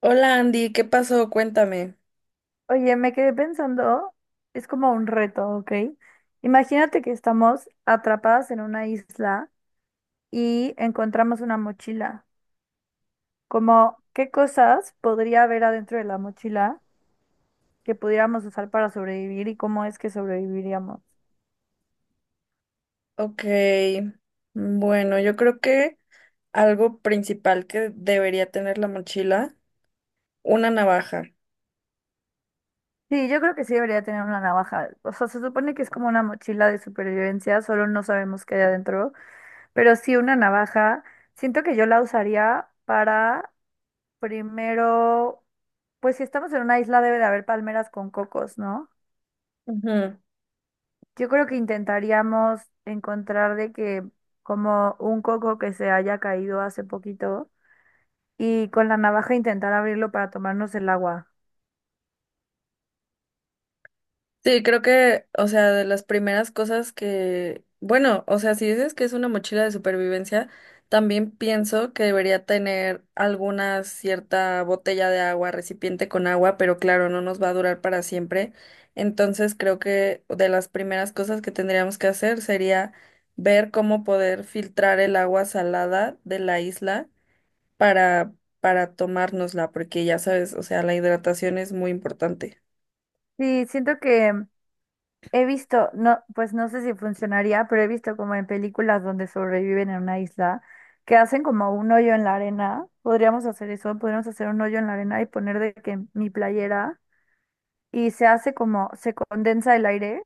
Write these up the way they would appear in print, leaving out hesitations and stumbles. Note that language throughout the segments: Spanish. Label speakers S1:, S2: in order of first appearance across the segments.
S1: Hola Andy, ¿qué pasó? Cuéntame.
S2: Oye, me quedé pensando, es como un reto, ¿ok? Imagínate que estamos atrapadas en una isla y encontramos una mochila. Como, ¿qué cosas podría haber adentro de la mochila que pudiéramos usar para sobrevivir y cómo es que sobreviviríamos?
S1: Ok, bueno, yo creo que algo principal que debería tener la mochila, una navaja.
S2: Sí, yo creo que sí debería tener una navaja. O sea, se supone que es como una mochila de supervivencia, solo no sabemos qué hay adentro, pero sí una navaja. Siento que yo la usaría para primero, pues si estamos en una isla debe de haber palmeras con cocos, ¿no?
S1: Ujú.
S2: Yo creo que intentaríamos encontrar de que como un coco que se haya caído hace poquito y con la navaja intentar abrirlo para tomarnos el agua.
S1: Sí, creo que, o sea, de las primeras cosas que, bueno, o sea, si dices que es una mochila de supervivencia, también pienso que debería tener alguna cierta botella de agua, recipiente con agua, pero claro, no nos va a durar para siempre. Entonces, creo que de las primeras cosas que tendríamos que hacer sería ver cómo poder filtrar el agua salada de la isla para para tomárnosla, porque ya sabes, o sea, la hidratación es muy importante.
S2: Sí, siento que he visto, no, pues no sé si funcionaría, pero he visto como en películas donde sobreviven en una isla que hacen como un hoyo en la arena. Podríamos hacer eso, podríamos hacer un hoyo en la arena y poner de que mi playera. Y se hace como, se condensa el aire,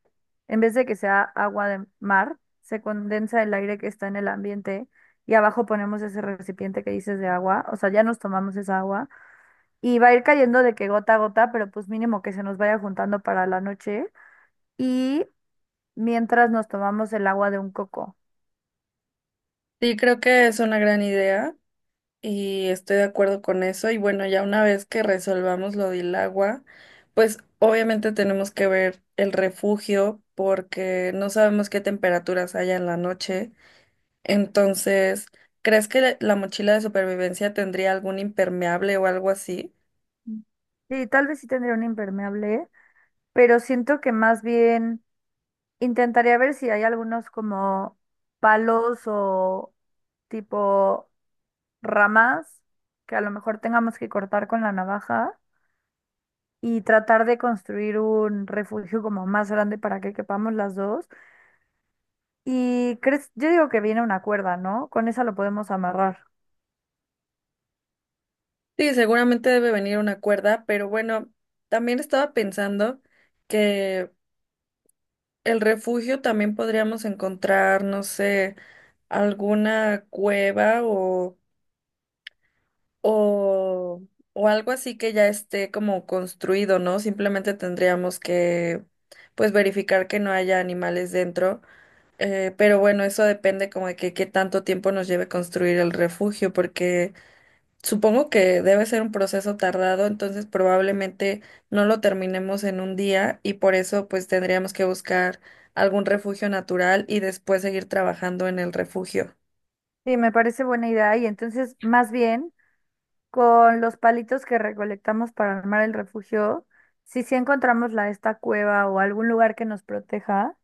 S2: en vez de que sea agua de mar, se condensa el aire que está en el ambiente y abajo ponemos ese recipiente que dices de agua, o sea, ya nos tomamos esa agua y va a ir cayendo de que gota a gota, pero pues mínimo que se nos vaya juntando para la noche y mientras nos tomamos el agua de un coco.
S1: Sí, creo que es una gran idea. Y estoy de acuerdo con eso. Y bueno, ya una vez que resolvamos lo del agua, pues obviamente tenemos que ver el refugio porque no sabemos qué temperaturas haya en la noche. Entonces, ¿crees que la mochila de supervivencia tendría algún impermeable o algo así?
S2: Sí, tal vez sí tendría un impermeable, pero siento que más bien intentaría ver si hay algunos como palos o tipo ramas que a lo mejor tengamos que cortar con la navaja y tratar de construir un refugio como más grande para que quepamos las dos. Y crees, yo digo que viene una cuerda, ¿no? Con esa lo podemos amarrar.
S1: Sí, seguramente debe venir una cuerda, pero bueno, también estaba pensando que el refugio también podríamos encontrar, no sé, alguna cueva o O, o algo así que ya esté como construido, ¿no? Simplemente tendríamos que, pues, verificar que no haya animales dentro. Pero bueno, eso depende como de que qué tanto tiempo nos lleve construir el refugio, porque supongo que debe ser un proceso tardado, entonces probablemente no lo terminemos en un día y por eso pues tendríamos que buscar algún refugio natural y después seguir trabajando en el refugio.
S2: Sí, me parece buena idea. Y entonces, más bien, con los palitos que recolectamos para armar el refugio, si sí encontramos la esta cueva o algún lugar que nos proteja,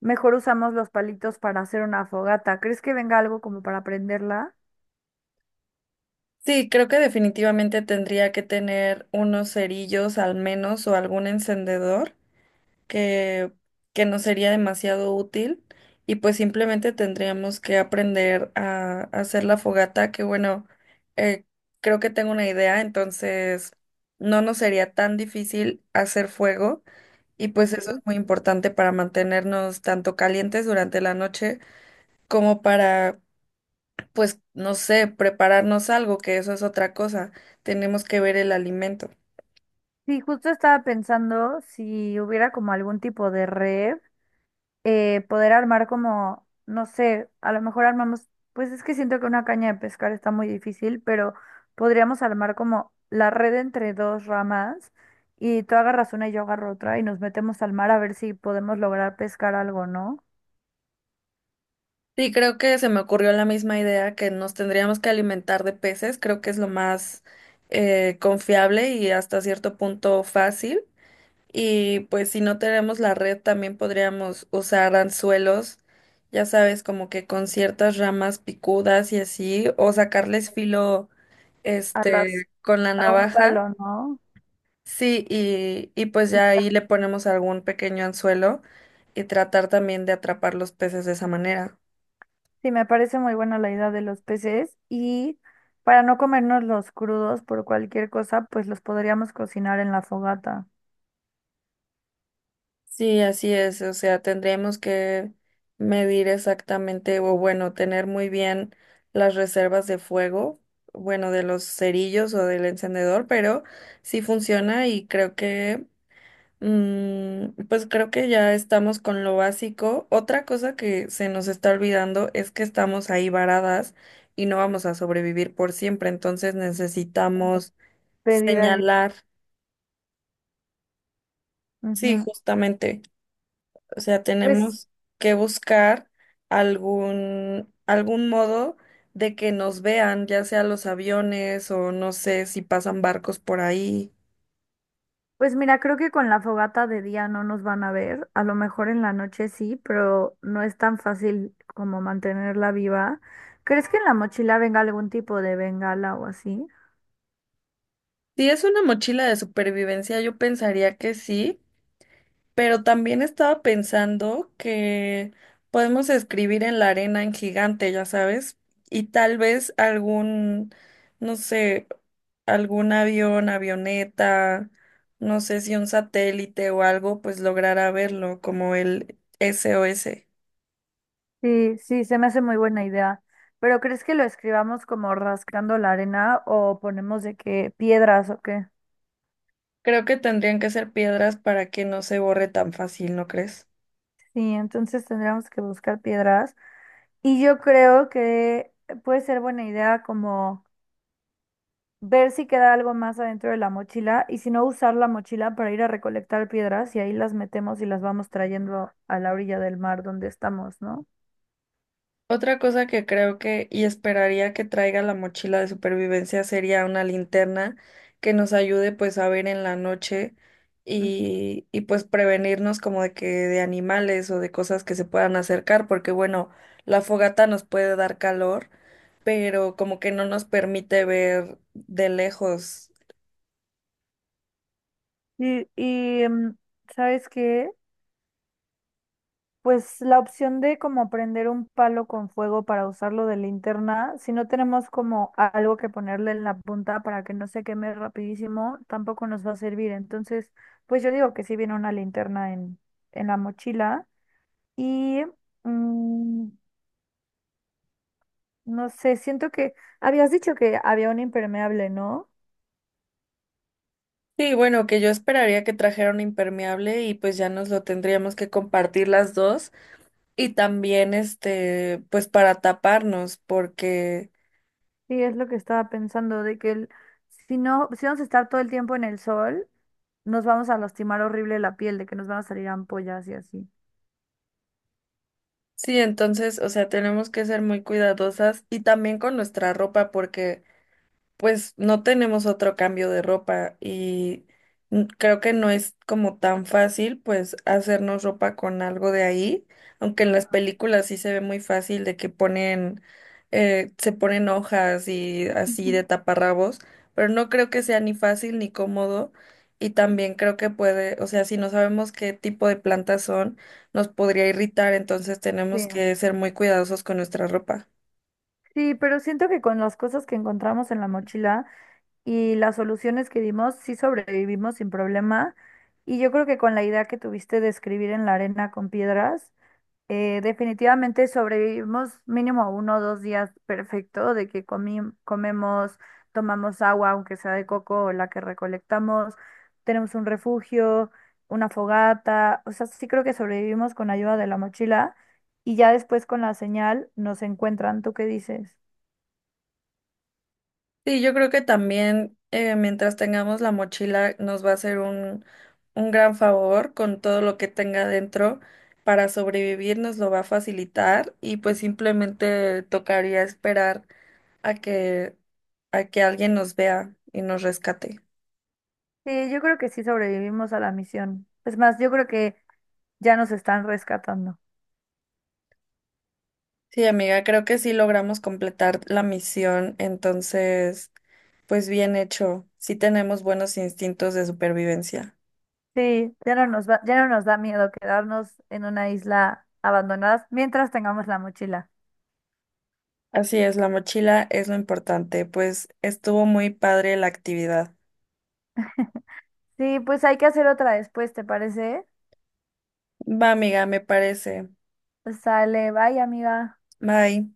S2: mejor usamos los palitos para hacer una fogata. ¿Crees que venga algo como para prenderla?
S1: Sí, creo que definitivamente tendría que tener unos cerillos al menos o algún encendedor que, que no sería demasiado útil y pues simplemente tendríamos que aprender a, hacer la fogata que bueno, eh, creo que tengo una idea, entonces no nos sería tan difícil hacer fuego y pues
S2: Ok.
S1: eso es muy importante para mantenernos tanto calientes durante la noche como para pues, no sé, prepararnos algo, que eso es otra cosa. Tenemos que ver el alimento.
S2: Sí, justo estaba pensando si hubiera como algún tipo de red, poder armar como, no sé, a lo mejor armamos, pues es que siento que una caña de pescar está muy difícil, pero podríamos armar como la red entre dos ramas y tú agarras una y yo agarro otra y nos metemos al mar a ver si podemos lograr pescar algo, ¿no?
S1: Sí, creo que se me ocurrió la misma idea que nos tendríamos que alimentar de peces. Creo que es lo más confiable y hasta cierto punto fácil. Y pues si no tenemos la red, también podríamos usar anzuelos, ya sabes, como que con ciertas ramas picudas y así, o sacarles filo,
S2: A las,
S1: este, con la
S2: a un
S1: navaja.
S2: palo, ¿no?
S1: Sí, y pues ya ahí le ponemos algún pequeño anzuelo y tratar también de atrapar los peces de esa manera.
S2: Sí, me parece muy buena la idea de los peces y para no comernos los crudos por cualquier cosa, pues los podríamos cocinar en la fogata,
S1: Sí, así es. O sea, tendríamos que medir exactamente, o bueno, tener muy bien las reservas de fuego, bueno, de los cerillos o del encendedor, pero sí funciona y creo que pues creo que ya estamos con lo básico. Otra cosa que se nos está olvidando es que estamos ahí varadas y no vamos a sobrevivir por siempre, entonces necesitamos
S2: pedir ayuda.
S1: señalar, sí,
S2: Ujú.
S1: justamente, o sea,
S2: Pues,
S1: tenemos que buscar algún modo de que nos vean, ya sea los aviones o no sé si pasan barcos por ahí.
S2: pues mira, creo que con la fogata de día no nos van a ver, a lo mejor en la noche sí, pero no es tan fácil como mantenerla viva. ¿Crees que en la mochila venga algún tipo de bengala o así?
S1: Si es una mochila de supervivencia, yo pensaría que sí. Pero también estaba pensando que podemos escribir en la arena en gigante, ya sabes, y tal vez algún, no sé, algún avión, avioneta, no sé si un satélite o algo, pues logrará verlo, como el SOS.
S2: Sí, sí, se me hace muy buena idea. Pero ¿crees que lo escribamos como rascando la arena o ponemos de qué piedras o qué?
S1: Creo que tendrían que ser piedras para que no se borre tan fácil, ¿no crees?
S2: Sí, entonces tendríamos que buscar piedras. Y yo creo que puede ser buena idea como ver si queda algo más adentro de la mochila y si no usar la mochila para ir a recolectar piedras y ahí las metemos y las vamos trayendo a la orilla del mar donde estamos, ¿no?
S1: Otra cosa que creo que y esperaría que traiga la mochila de supervivencia sería una linterna que nos ayude pues a ver en la noche
S2: Ujú.
S1: y pues prevenirnos como de que de animales o de cosas que se puedan acercar, porque bueno, la fogata nos puede dar calor, pero como que no nos permite ver de lejos.
S2: Y, ¿sabes qué? Pues la opción de como prender un palo con fuego para usarlo de linterna, si no tenemos como algo que ponerle en la punta para que no se queme rapidísimo, tampoco nos va a servir. Entonces, pues yo digo que sí viene una linterna en la mochila y mm, no sé, siento que habías dicho que había un impermeable, ¿no?
S1: Sí, bueno, que yo esperaría que trajera un impermeable y pues ya nos lo tendríamos que compartir las dos. Y también, este, pues para taparnos, porque
S2: Sí, es lo que estaba pensando, de que el- si no, si vamos a estar todo el tiempo en el sol, nos vamos a lastimar horrible la piel, de que nos van a salir ampollas y así.
S1: sí, entonces, o sea, tenemos que ser muy cuidadosas y también con nuestra ropa, porque pues no tenemos otro cambio de ropa y creo que no es como tan fácil pues hacernos ropa con algo de ahí, aunque en las películas sí se ve muy fácil de que ponen, se ponen hojas y así
S2: Ujú.
S1: de taparrabos, pero no creo que sea ni fácil ni cómodo y también creo que puede, o sea, si no sabemos qué tipo de plantas son, nos podría irritar, entonces
S2: Sí.
S1: tenemos que ser muy cuidadosos con nuestra ropa.
S2: Sí, pero siento que con las cosas que encontramos en la mochila y las soluciones que dimos, sí sobrevivimos sin problema. Y yo creo que con la idea que tuviste de escribir en la arena con piedras, definitivamente sobrevivimos mínimo uno o dos días perfecto de que comemos, tomamos agua, aunque sea de coco o la que recolectamos, tenemos un refugio, una fogata, o sea, sí creo que sobrevivimos con ayuda de la mochila y ya después con la señal nos encuentran. ¿Tú qué dices?
S1: Sí, yo creo que también mientras tengamos la mochila nos va a hacer un gran favor con todo lo que tenga dentro para sobrevivir, nos lo va a facilitar y pues simplemente tocaría esperar a que, a que alguien nos vea y nos rescate.
S2: Sí, yo creo que sí sobrevivimos a la misión. Es más, yo creo que ya nos están rescatando.
S1: Sí, amiga, creo que sí logramos completar la misión, entonces, pues bien hecho, sí tenemos buenos instintos de supervivencia.
S2: Sí, ya no nos va, ya no nos da miedo quedarnos en una isla abandonada mientras tengamos la mochila.
S1: Así es, la mochila es lo importante, pues estuvo muy padre la actividad.
S2: Sí, pues hay que hacer otra después, ¿te parece?
S1: Va, amiga, me parece.
S2: Pues sale, bye, amiga.
S1: Bye.